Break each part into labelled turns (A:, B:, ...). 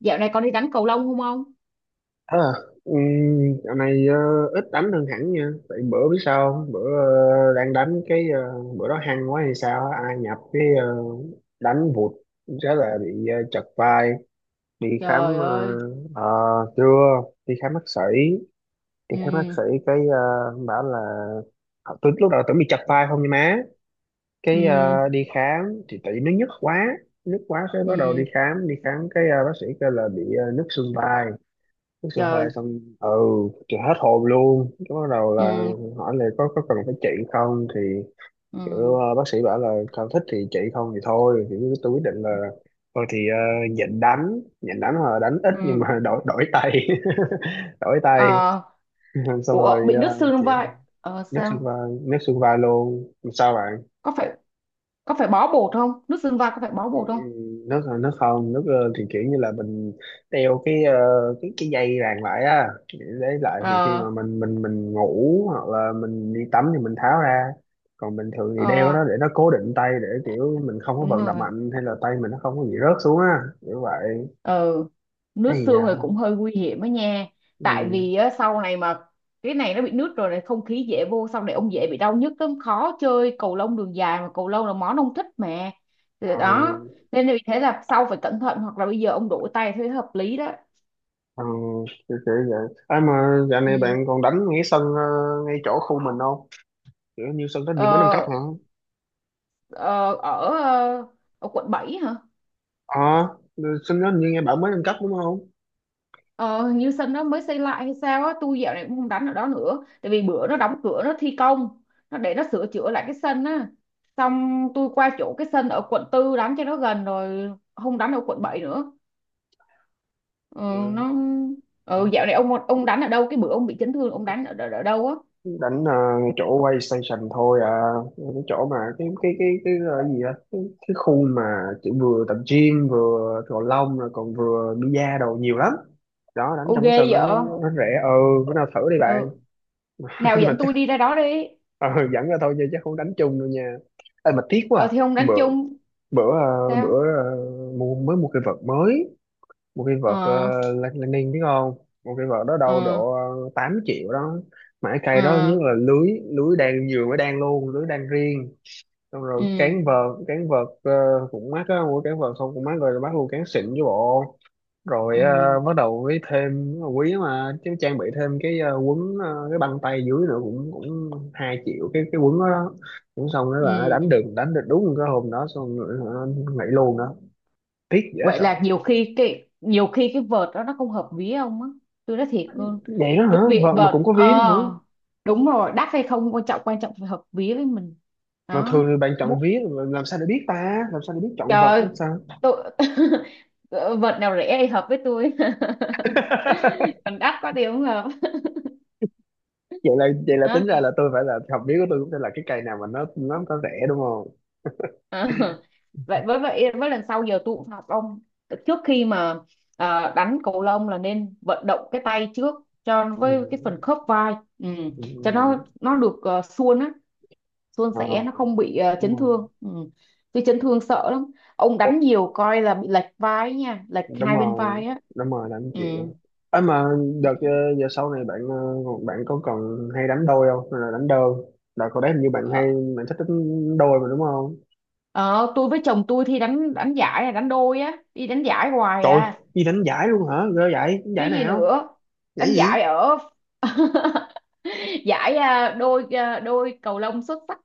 A: Dạo này con đi đánh cầu lông không ông?
B: À, dạo này ít đánh hơn hẳn nha. Tại bữa biết sao không? Bữa đang đánh cái bữa đó hăng quá hay sao á, ai nhập cái đánh vụt rất là bị chật vai, đi khám.
A: Trời ơi.
B: ờ, ờ, Chưa đi khám bác sĩ, đi
A: Ừ,
B: khám bác sĩ cái bảo là tôi lúc đầu tưởng bị chật vai không nha má,
A: ừ,
B: cái đi khám thì tại vì nó nhức quá, cái bắt đầu đi
A: ừ,
B: khám, cái bác sĩ kêu là bị nhức xương vai. Uống sữa hoài
A: trời.
B: xong ừ thì hết hồn luôn, cái bắt đầu là
A: Ừ,
B: hỏi là có cần phải trị không thì kiểu
A: ừ,
B: bác sĩ bảo là không thích thì trị, không thì thôi. Thì tôi quyết định là thôi thì nhịn đánh, nhịn đánh là đánh ít nhưng
A: ừ.
B: mà đổi đổi tay. Đổi tay
A: Ờ,
B: xong
A: ủa,
B: rồi
A: bị đứt xương
B: chị.
A: vai. Ờ,
B: Nước xương
A: sao?
B: vai, nước xương vai luôn sao bạn.
A: Có phải có phải bó bột không? Đứt xương vai có phải bó bột không?
B: Nó không, nó thì kiểu như là mình đeo cái cái dây ràng lại á, để lại thì khi
A: Ờ,
B: mà mình ngủ hoặc là mình đi tắm thì mình tháo ra, còn bình thường thì đeo
A: ờ,
B: nó để nó cố định tay, để kiểu mình không có
A: đúng
B: vận động
A: rồi.
B: mạnh, hay là tay mình nó không có bị rớt xuống á, kiểu vậy.
A: Ừ. Nước
B: Hay
A: xương thì
B: da.
A: cũng hơi nguy hiểm đó nha, tại
B: Ừ.
A: vì á, sau này mà cái này nó bị nước rồi này, không khí dễ vô, sau này ông dễ bị đau nhức lắm, khó chơi cầu lông đường dài, mà cầu lông là món ông thích mà. Thì
B: Ờ,
A: đó, nên là vì thế là sau phải cẩn thận, hoặc là bây giờ ông đổi tay thế hợp lý đó.
B: ờ, kiểu kiểu vậy. À, mà dạo
A: Ừ.
B: này bạn còn đánh ngay sân ngay chỗ khu mình không, kiểu như sân đó như mới nâng cấp hả.
A: ờ, ờ, ở ờ, Ở quận 7 hả?
B: Ờ. À, sân đó như nghe bảo mới nâng cấp đúng không?
A: Ờ, hình như sân nó mới xây lại hay sao á, tôi dạo này cũng không đánh ở đó nữa. Tại vì bữa nó đóng cửa nó thi công, nó để nó sửa chữa lại cái sân á. Xong tôi qua chỗ cái sân ở quận 4 đánh cho nó gần rồi, không đánh ở quận 7 nữa. Ừ,
B: Ừ.
A: nó dạo này ông đánh ở đâu, cái bữa ông bị chấn thương ông đánh ở đâu á?
B: Đánh ngay chỗ quay station thôi à, cái chỗ mà cái, gì á, cái khu mà chỉ vừa tập gym vừa cầu lông rồi còn vừa bida đồ nhiều lắm. Đó đánh
A: Ô
B: trong cái
A: ghê
B: sân nó
A: vậy.
B: nó rẻ ừ. Bữa nào thử đi bạn.
A: Ừ. Nào
B: Mà
A: dẫn
B: chắc
A: tôi đi ra đó đi.
B: ờ, dẫn ra thôi chứ chắc không đánh chung đâu nha. Ê, mà tiếc quá à.
A: Ờ thì ông đánh
B: Bữa
A: chung sao?
B: bữa ờ, mới mua cái vợt mới, một cái vợt
A: Ờ,
B: Lenin biết không. Một cái vợt đó đâu
A: ờ,
B: độ 8 triệu đó, mà cái cây đó nhất
A: ờ,
B: là lưới, lưới đan vừa mới đan luôn, lưới đan riêng. Xong rồi
A: ừ,
B: cán vợt, cũng mắc á, mua cán vợt xong cũng mắc, rồi bắt luôn cán xịn với bộ,
A: ừ,
B: rồi
A: ừ,
B: bắt đầu với thêm quý mà chứ, trang bị thêm cái quấn cái băng tay dưới nữa, cũng cũng 2 triệu cái quấn đó, đó. Cũng xong đó là đánh
A: ừ.
B: được, đúng cái hôm đó xong rồi hả, nghỉ luôn đó. Tiếc dễ
A: Vậy
B: sợ.
A: là nhiều khi cái vợt đó nó không hợp ví ông á, tôi nói thiệt luôn.
B: Vậy đó
A: Cái
B: hả,
A: việc
B: vợt mà
A: vợt,
B: cũng có vía hả.
A: đúng rồi, đắt hay không quan trọng, quan trọng phải hợp ví với mình
B: Mà
A: đó.
B: thường thì bạn
A: Mu-
B: chọn vía mà làm sao để biết ta, làm sao để biết chọn vật
A: Trời,
B: nữa sao.
A: tôi vợt nào rẻ thì hợp với tôi. Còn đắt quá thì không hợp
B: Vậy là
A: đó.
B: tính ra là tôi phải là học vía của tôi, cũng phải là cái cây nào mà nó có rẻ đúng không.
A: Ờ, vậy với lần sau giờ tôi cũng phạt ông, trước khi mà đánh cầu lông là nên vận động cái tay trước, cho
B: Ừ.
A: với cái phần khớp vai. Ừ.
B: Ừ.
A: Cho nó được, uh, suôn á suôn
B: Ờ,
A: sẻ, nó không bị
B: đúng
A: chấn
B: rồi.
A: thương. Ừ. Tôi chấn thương sợ lắm. Ông
B: Ủa,
A: đánh nhiều coi là bị lệch vai ấy nha, lệch
B: đúng
A: hai bên
B: rồi.
A: vai á.
B: Là anh
A: Ừ.
B: chịu ấy mà. Đợt giờ sau này bạn bạn có còn hay đánh đôi không hay là đánh đơn. Đợt hồi đấy hình như bạn hay,
A: Ờ,
B: bạn thích đánh đôi mà đúng không.
A: ờ, tôi với chồng tôi thì đánh đánh giải à, đánh đôi á, đi đánh giải hoài
B: Trời ơi,
A: à.
B: đi đánh giải luôn hả, ghê vậy. Đánh
A: Chứ
B: giải
A: gì
B: nào,
A: nữa.
B: giải
A: Đánh
B: gì?
A: giải ở giải à, đôi cầu lông xuất sắc.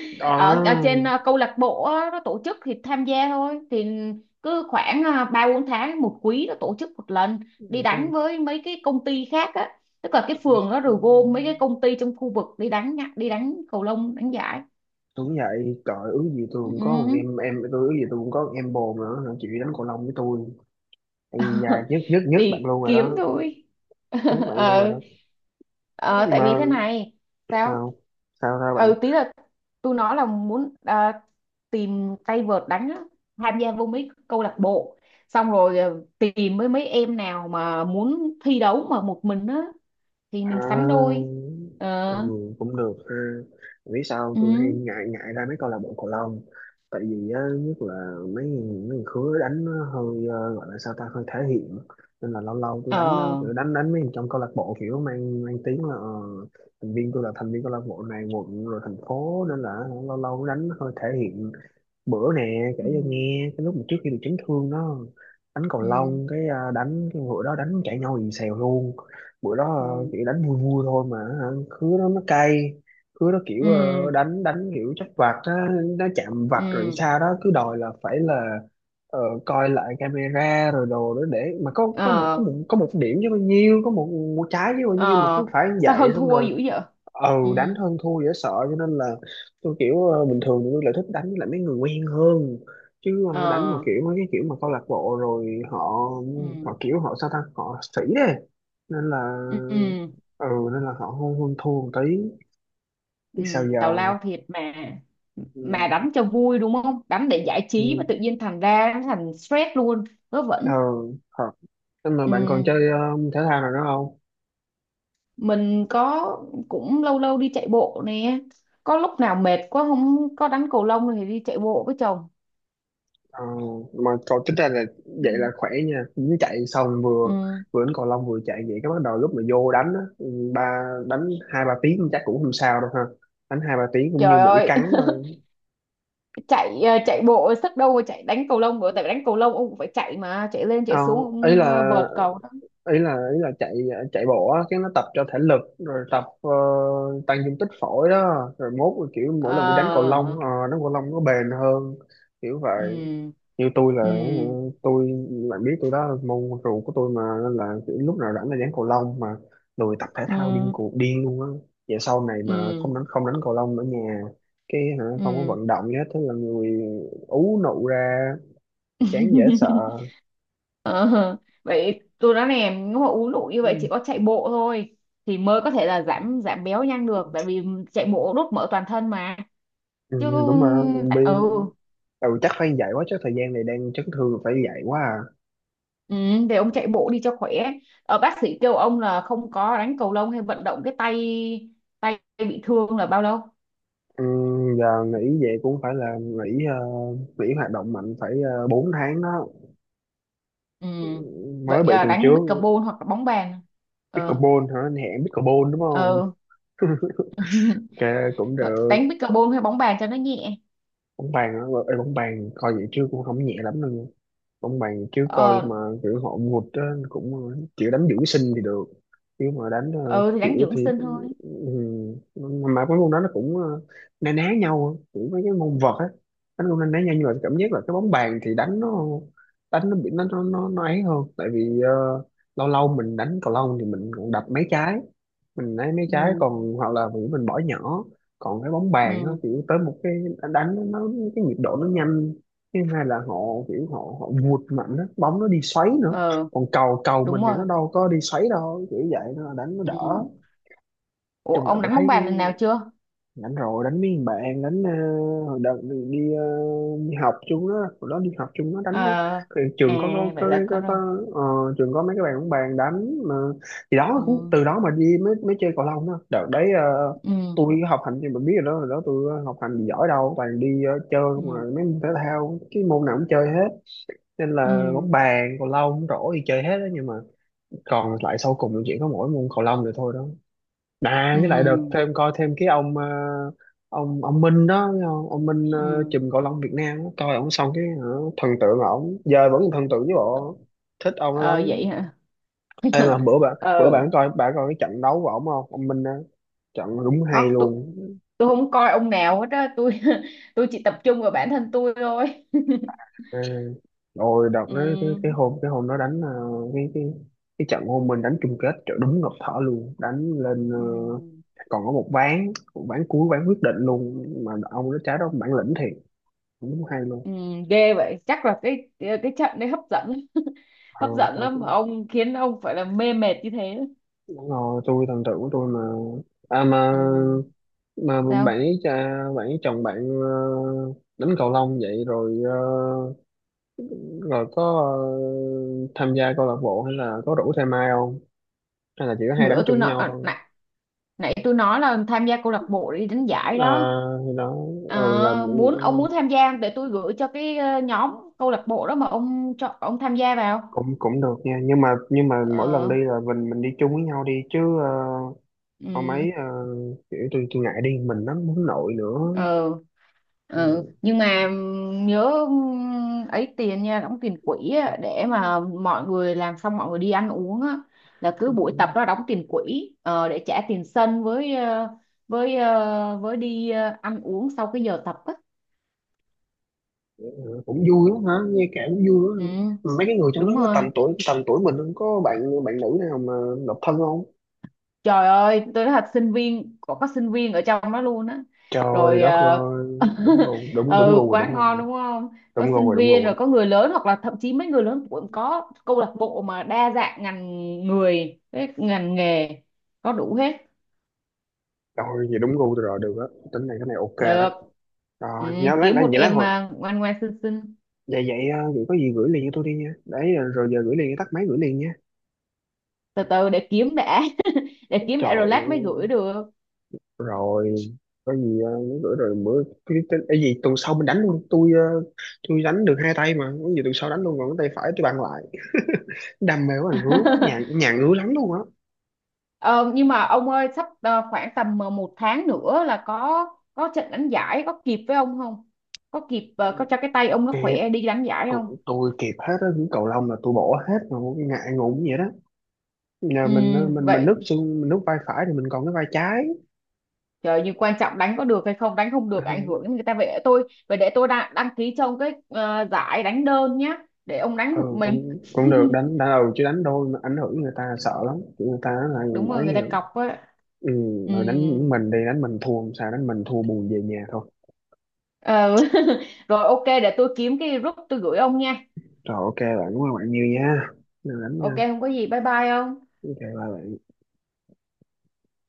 A: Ở
B: Ờ.
A: trên à, câu lạc bộ á, nó tổ chức thì tham gia thôi, thì cứ khoảng à, ba bốn tháng một quý nó tổ chức một lần, đi
B: Chắc
A: đánh với mấy cái công ty khác á, tức là cái phường nó rồi gom mấy cái công ty trong khu vực đi đánh nhá, đi đánh cầu lông đánh giải.
B: đúng vậy. Trời ước gì tôi cũng có một
A: Ừ.
B: em, tôi ước gì tôi cũng có một em bồ mà nó chịu đánh cầu lông với tôi. Ây da, nhất nhất nhất bạn
A: Đi
B: luôn rồi
A: kiếm
B: đó.
A: thôi.
B: Nhất bạn luôn rồi
A: Ờ,
B: đó.
A: ờ. Tại vì
B: Mà,
A: thế này. Sao?
B: sao? Sao sao
A: Ừ,
B: bạn?
A: tí là tôi nói là muốn tìm tay vợt đánh á, tham gia vô mấy câu lạc bộ, xong rồi tìm với mấy em nào mà muốn thi đấu mà một mình á, thì
B: À,
A: mình sánh đôi. Ờ,
B: còn cũng được ha. Vì sao không?
A: ừ,
B: Tôi hay ngại, ngại ra mấy câu lạc bộ cầu lông, tại vì á, nhất là mấy người khứa đánh nó hơi gọi là sao ta, hơi thể hiện. Nên là lâu lâu tôi đánh á,
A: ờ,
B: kiểu đánh đánh mấy người trong câu lạc bộ, kiểu mang mang tiếng là thành viên. Tôi là thành viên câu lạc bộ này quận, rồi thành phố, nên là lâu lâu đánh hơi thể hiện. Bữa nè kể
A: ừ,
B: cho nghe cái lúc mà trước khi bị chấn thương đó, đánh cầu
A: ừ,
B: lông cái à, đánh cái bữa đó đánh cãi nhau ì xèo luôn. Bữa đó à,
A: ừ,
B: chỉ đánh vui vui thôi mà hả, khứa nó cay. Khứa nó kiểu
A: ừ,
B: đánh đánh kiểu chắc vạch á, nó chạm
A: ừ,
B: vạch rồi sao đó cứ đòi là phải là ờ, coi lại camera rồi đồ đó, để mà có,
A: ờ,
B: có một điểm chứ bao nhiêu, có một, một trái chứ bao
A: ờ.
B: nhiêu, mà cứ phải như
A: Sao
B: vậy
A: hơn
B: xong
A: thua
B: rồi
A: dữ vậy?
B: ừ.
A: Ừ,
B: Đánh hơn thua dễ sợ, cho nên là tôi kiểu bình thường thì tôi lại thích đánh với lại mấy người quen hơn, chứ đánh mà
A: ờ,
B: kiểu mấy cái kiểu mà câu lạc bộ rồi họ,
A: ừ,
B: họ kiểu họ sao ta, họ sĩ đấy. Nên là
A: ừ, ừ,
B: ừ, nên là họ hơn hơn thua một tí,
A: ừ,
B: biết sao
A: tào
B: giờ.
A: lao thiệt mà.
B: Ừ,
A: Mà đánh cho vui, đúng không? Đánh để giải trí mà
B: ừ,
A: tự nhiên thành ra nó thành stress luôn. Vớ
B: ờ
A: vẩn.
B: thật. Nhưng mà
A: Ừ.
B: bạn còn chơi thể thao nào nữa không?
A: Mình có, cũng lâu lâu đi chạy bộ nè, có lúc nào mệt quá không có đánh cầu lông thì đi chạy bộ với chồng.
B: Ờ, mà cậu tính ra là
A: Ừ.
B: vậy là khỏe nha, dính chạy xong vừa,
A: Ừ.
B: đánh cầu lông vừa chạy vậy, cái bắt đầu lúc mà vô đánh á, ừ, ba đánh hai ba tiếng chắc cũng không sao đâu ha. Đánh hai ba tiếng cũng như
A: Trời
B: mũi
A: ơi,
B: cắn thôi.
A: chạy bộ sức đâu mà chạy đánh cầu lông nữa, tại vì đánh cầu lông ông cũng phải chạy mà, chạy lên chạy xuống
B: Không,
A: ông vợt cầu.
B: ý là chạy, chạy bộ á, cái nó tập cho thể lực, rồi tập tăng dung tích phổi đó, rồi mốt rồi kiểu mỗi lần bị đánh cầu lông
A: Ờ,
B: đánh cầu lông nó bền hơn, kiểu vậy.
A: ừ,
B: Như
A: ừ,
B: tôi, bạn biết tôi đó là môn rượu của tôi mà, nên là kiểu lúc nào rảnh là đánh cầu lông mà lười tập thể thao, điên
A: ừ,
B: cuồng điên luôn á. Vậy sau này mà
A: ừ,
B: không đánh cầu lông ở nhà cái hả, không có
A: ừ.
B: vận động gì hết, thế là người ú nụ ra, chán dễ sợ.
A: Ờ, vậy tôi nói nè, nếu mà uống đủ như vậy chỉ có chạy bộ thôi thì mới có thể là giảm giảm béo nhanh được, tại vì chạy bộ đốt mỡ toàn thân mà.
B: Ừ,
A: Chứ.
B: đúng rồi.
A: Ừ,
B: Bi- ừ, chắc phải dạy quá, chứ thời gian này đang chấn thương phải dạy quá à.
A: ừ, để ông chạy bộ đi cho khỏe. Bác sĩ kêu ông là không có đánh cầu lông hay vận động cái tay, tay bị thương là bao lâu?
B: Ừ, giờ nghỉ về cũng phải là nghỉ nghỉ hoạt động mạnh, phải 4 tháng đó.
A: Ừ,
B: Mới
A: vậy
B: bị
A: à,
B: tuần
A: đánh
B: trước.
A: pickleball hoặc là bóng bàn. Ờ,
B: Pickleball hả? Anh hẹn pickleball đúng không?
A: ờ.
B: Ok, cũng được.
A: Đánh pickleball hay bóng bàn cho nó nhẹ.
B: Bóng bàn á. Ê, bóng bàn coi vậy chứ cũng không nhẹ lắm đâu nha, bóng bàn chứ coi
A: Ờ,
B: mà kiểu họ ngụt á. Cũng kiểu đánh dưỡng sinh thì được, chứ mà đánh
A: ờ thì đánh
B: kiểu
A: dưỡng
B: thì
A: sinh thôi.
B: ừ. Mà mấy môn đó nó cũng na ná nhau á, kiểu mấy cái môn vợt á, đánh cũng na ná nhau, nhưng mà cảm giác là cái bóng bàn thì đánh nó bị nó ấy hơn, tại vì lâu lâu mình đánh cầu lông thì mình còn đập mấy trái, mình lấy mấy trái
A: Ừ,
B: còn, hoặc là vì mình bỏ nhỏ. Còn cái bóng bàn nó
A: ừ,
B: kiểu tới một cái, đánh cái nhịp độ nó nhanh. Thứ hai là họ kiểu họ họ vụt mạnh đó, bóng nó đi xoáy nữa.
A: ờ,
B: Còn cầu cầu mình
A: đúng
B: thì nó
A: rồi,
B: đâu có đi xoáy đâu, kiểu vậy nó đánh nó
A: ừ.
B: đỡ.
A: Ủa,
B: Chung là
A: ông
B: tôi
A: đánh bóng
B: thấy
A: bàn lần nào chưa?
B: đánh rồi, đánh mấy thằng bạn đánh hồi đợt đi đi, đi học chung đó. Hồi đó đi học chung nó
A: Ờ,
B: đánh nó, cái trường có
A: à, vậy là có
B: có
A: rồi.
B: trường có mấy cái bạn cũng bàn đánh mà, thì đó cũng
A: Ừ,
B: từ đó mà đi mới mới chơi cầu lông đó đợt đấy
A: ừ,
B: tôi học hành thì mình biết rồi đó, hồi đó tôi học hành thì giỏi đâu, toàn đi chơi mà
A: ừ,
B: mấy môn thể thao cái môn nào cũng chơi hết. Nên là
A: ừ,
B: bóng bàn, cầu lông, rổ thì chơi hết đó, nhưng mà còn lại sau cùng là chỉ có mỗi môn cầu lông rồi thôi đó. À, với lại đợt
A: ừ,
B: thêm, coi thêm cái ông ông Minh đó thấy không? Ông Minh
A: ừ,
B: chùm cầu lông Việt Nam đó. Coi ông xong cái hả, thần tượng ổng, giờ vẫn thần tượng với bộ, thích ông ấy
A: ờ,
B: lắm.
A: vậy hả?
B: Em mà bữa bạn bữa
A: Ờ,
B: bạn coi cái trận đấu của ổng không, ông Minh đó, trận đúng hay
A: có. tôi
B: luôn.
A: tôi không coi ông nào hết á, tôi tôi chỉ tập trung vào bản thân tôi thôi.
B: À, rồi đợt đó
A: Ừ,
B: cái hôm đó đánh cái cái cái trận hôm mình đánh chung kết, trời đúng ngập thở luôn, đánh lên
A: ừ,
B: còn có một ván cuối ván quyết định luôn mà, ông đó trái đó bản lĩnh thiệt, đúng hay luôn.
A: ừ, ghê vậy, chắc là cái trận đấy hấp dẫn.
B: Ờ,
A: Hấp dẫn
B: tao
A: lắm mà
B: cũng,
A: ông khiến ông phải là mê mệt như thế.
B: đúng rồi tôi thần tượng của tôi mà. À mà,
A: Ừ,
B: mà bạn
A: sao?
B: ấy cha bạn ấy, chồng bạn ờ, đánh cầu lông vậy rồi rồi có ờ, tham gia câu lạc bộ hay là có rủ thêm ai không, hay là chỉ có hai đánh
A: Bữa
B: chung
A: tôi
B: với
A: nói
B: nhau
A: à,
B: thôi.
A: nãy tôi nói là tham gia câu lạc bộ đi đánh giải
B: À,
A: đó.
B: thì đó. Là
A: Ờ, ông
B: ừ,
A: muốn tham gia không? Để tôi gửi cho cái nhóm câu lạc bộ đó mà cho ông tham gia vào.
B: cũng cũng được nha, nhưng mà mỗi lần đi
A: Ờ,
B: là mình đi chung với nhau đi chứ có
A: ừm,
B: mấy kiểu tôi ngại đi mình lắm, muốn nội nữa.
A: ờ, ờ. Nhưng mà nhớ ấy tiền nha, đóng tiền quỹ á, để mà mọi người làm xong mọi người đi ăn uống á, là cứ buổi tập đó đóng tiền quỹ, để trả tiền sân với đi ăn uống sau cái giờ tập á.
B: Cũng vui lắm hả, nghe kể cũng vui
A: Ừ.
B: lắm hả? Mấy cái người trong đó
A: Đúng
B: có
A: rồi.
B: tầm tuổi mình không, có bạn bạn nữ nào mà độc thân không?
A: Trời ơi, tôi nói thật, sinh viên có sinh viên ở trong đó luôn á.
B: Trời
A: Rồi
B: đất ơi. Đúng rồi, đúng đúng
A: ừ,
B: gu rồi,
A: quá
B: đúng
A: ngon
B: rồi.
A: đúng không? Có
B: Đúng gu rồi,
A: sinh
B: đúng
A: viên,
B: gu
A: rồi
B: rồi.
A: có người lớn, hoặc là thậm chí mấy người lớn cũng có câu lạc bộ mà đa dạng ngành người, cái ngành nghề có đủ hết.
B: Rồi vậy đúng gu tôi rồi, được á, tính này cái này ok đó.
A: Được. Ừ,
B: Rồi nhớ lát,
A: kiếm một
B: vậy lát
A: em
B: hồi,
A: à, ngoan ngoan xinh xinh.
B: vậy vậy ờ, vậy có gì gửi liền cho tôi đi nha, đấy rồi giờ gửi liền, tắt máy gửi liền nha.
A: Từ từ để kiếm đã. Để kiếm
B: Trời
A: đã rồi lát mới gửi
B: ơi.
A: được.
B: Rồi có gì nhớ gửi, rồi bữa cái gì tuần sau mình đánh luôn, tôi tôi đánh được hai tay mà, có gì tuần sau đánh luôn, còn cái tay phải tôi bàn lại. Đam mê của anh ngứa quá, nhà nhà ngứa lắm luôn á.
A: Ờ, nhưng mà ông ơi, sắp khoảng tầm 1 tháng nữa là có trận đánh giải, có kịp với ông không? Có kịp có cho cái tay ông nó khỏe đi đánh giải
B: tôi,
A: không?
B: tôi kịp hết á, những cầu lông là tôi bỏ hết mà, ngại ngủ vậy đó. Nhà
A: Ừ,
B: mình mình
A: vậy,
B: nứt xương, mình nứt vai phải thì mình còn cái vai trái.
A: trời, nhưng quan trọng đánh có được hay không, đánh không được ảnh
B: Ừ.
A: hưởng đến người ta, vậy để tôi đăng ký cho ông cái giải đánh đơn nhá, để ông đánh một
B: ừ,
A: mình.
B: Cũng cũng được đánh, ừ, chứ đánh đôi mà ảnh hưởng người ta sợ lắm, người ta nói
A: Đúng
B: là
A: rồi,
B: ấy.
A: người ta cọc á.
B: Ừ,
A: Ừ.
B: rồi đánh mình, thua làm sao, đánh mình thua buồn về nhà thôi.
A: Ờ. Rồi ok, để tôi kiếm cái group tôi gửi ông nha.
B: Rồi ok bạn đúng không, bạn nhiều nha. Rồi đánh nha.
A: Ok, không có gì, bye bye ông.
B: Ok bye bạn.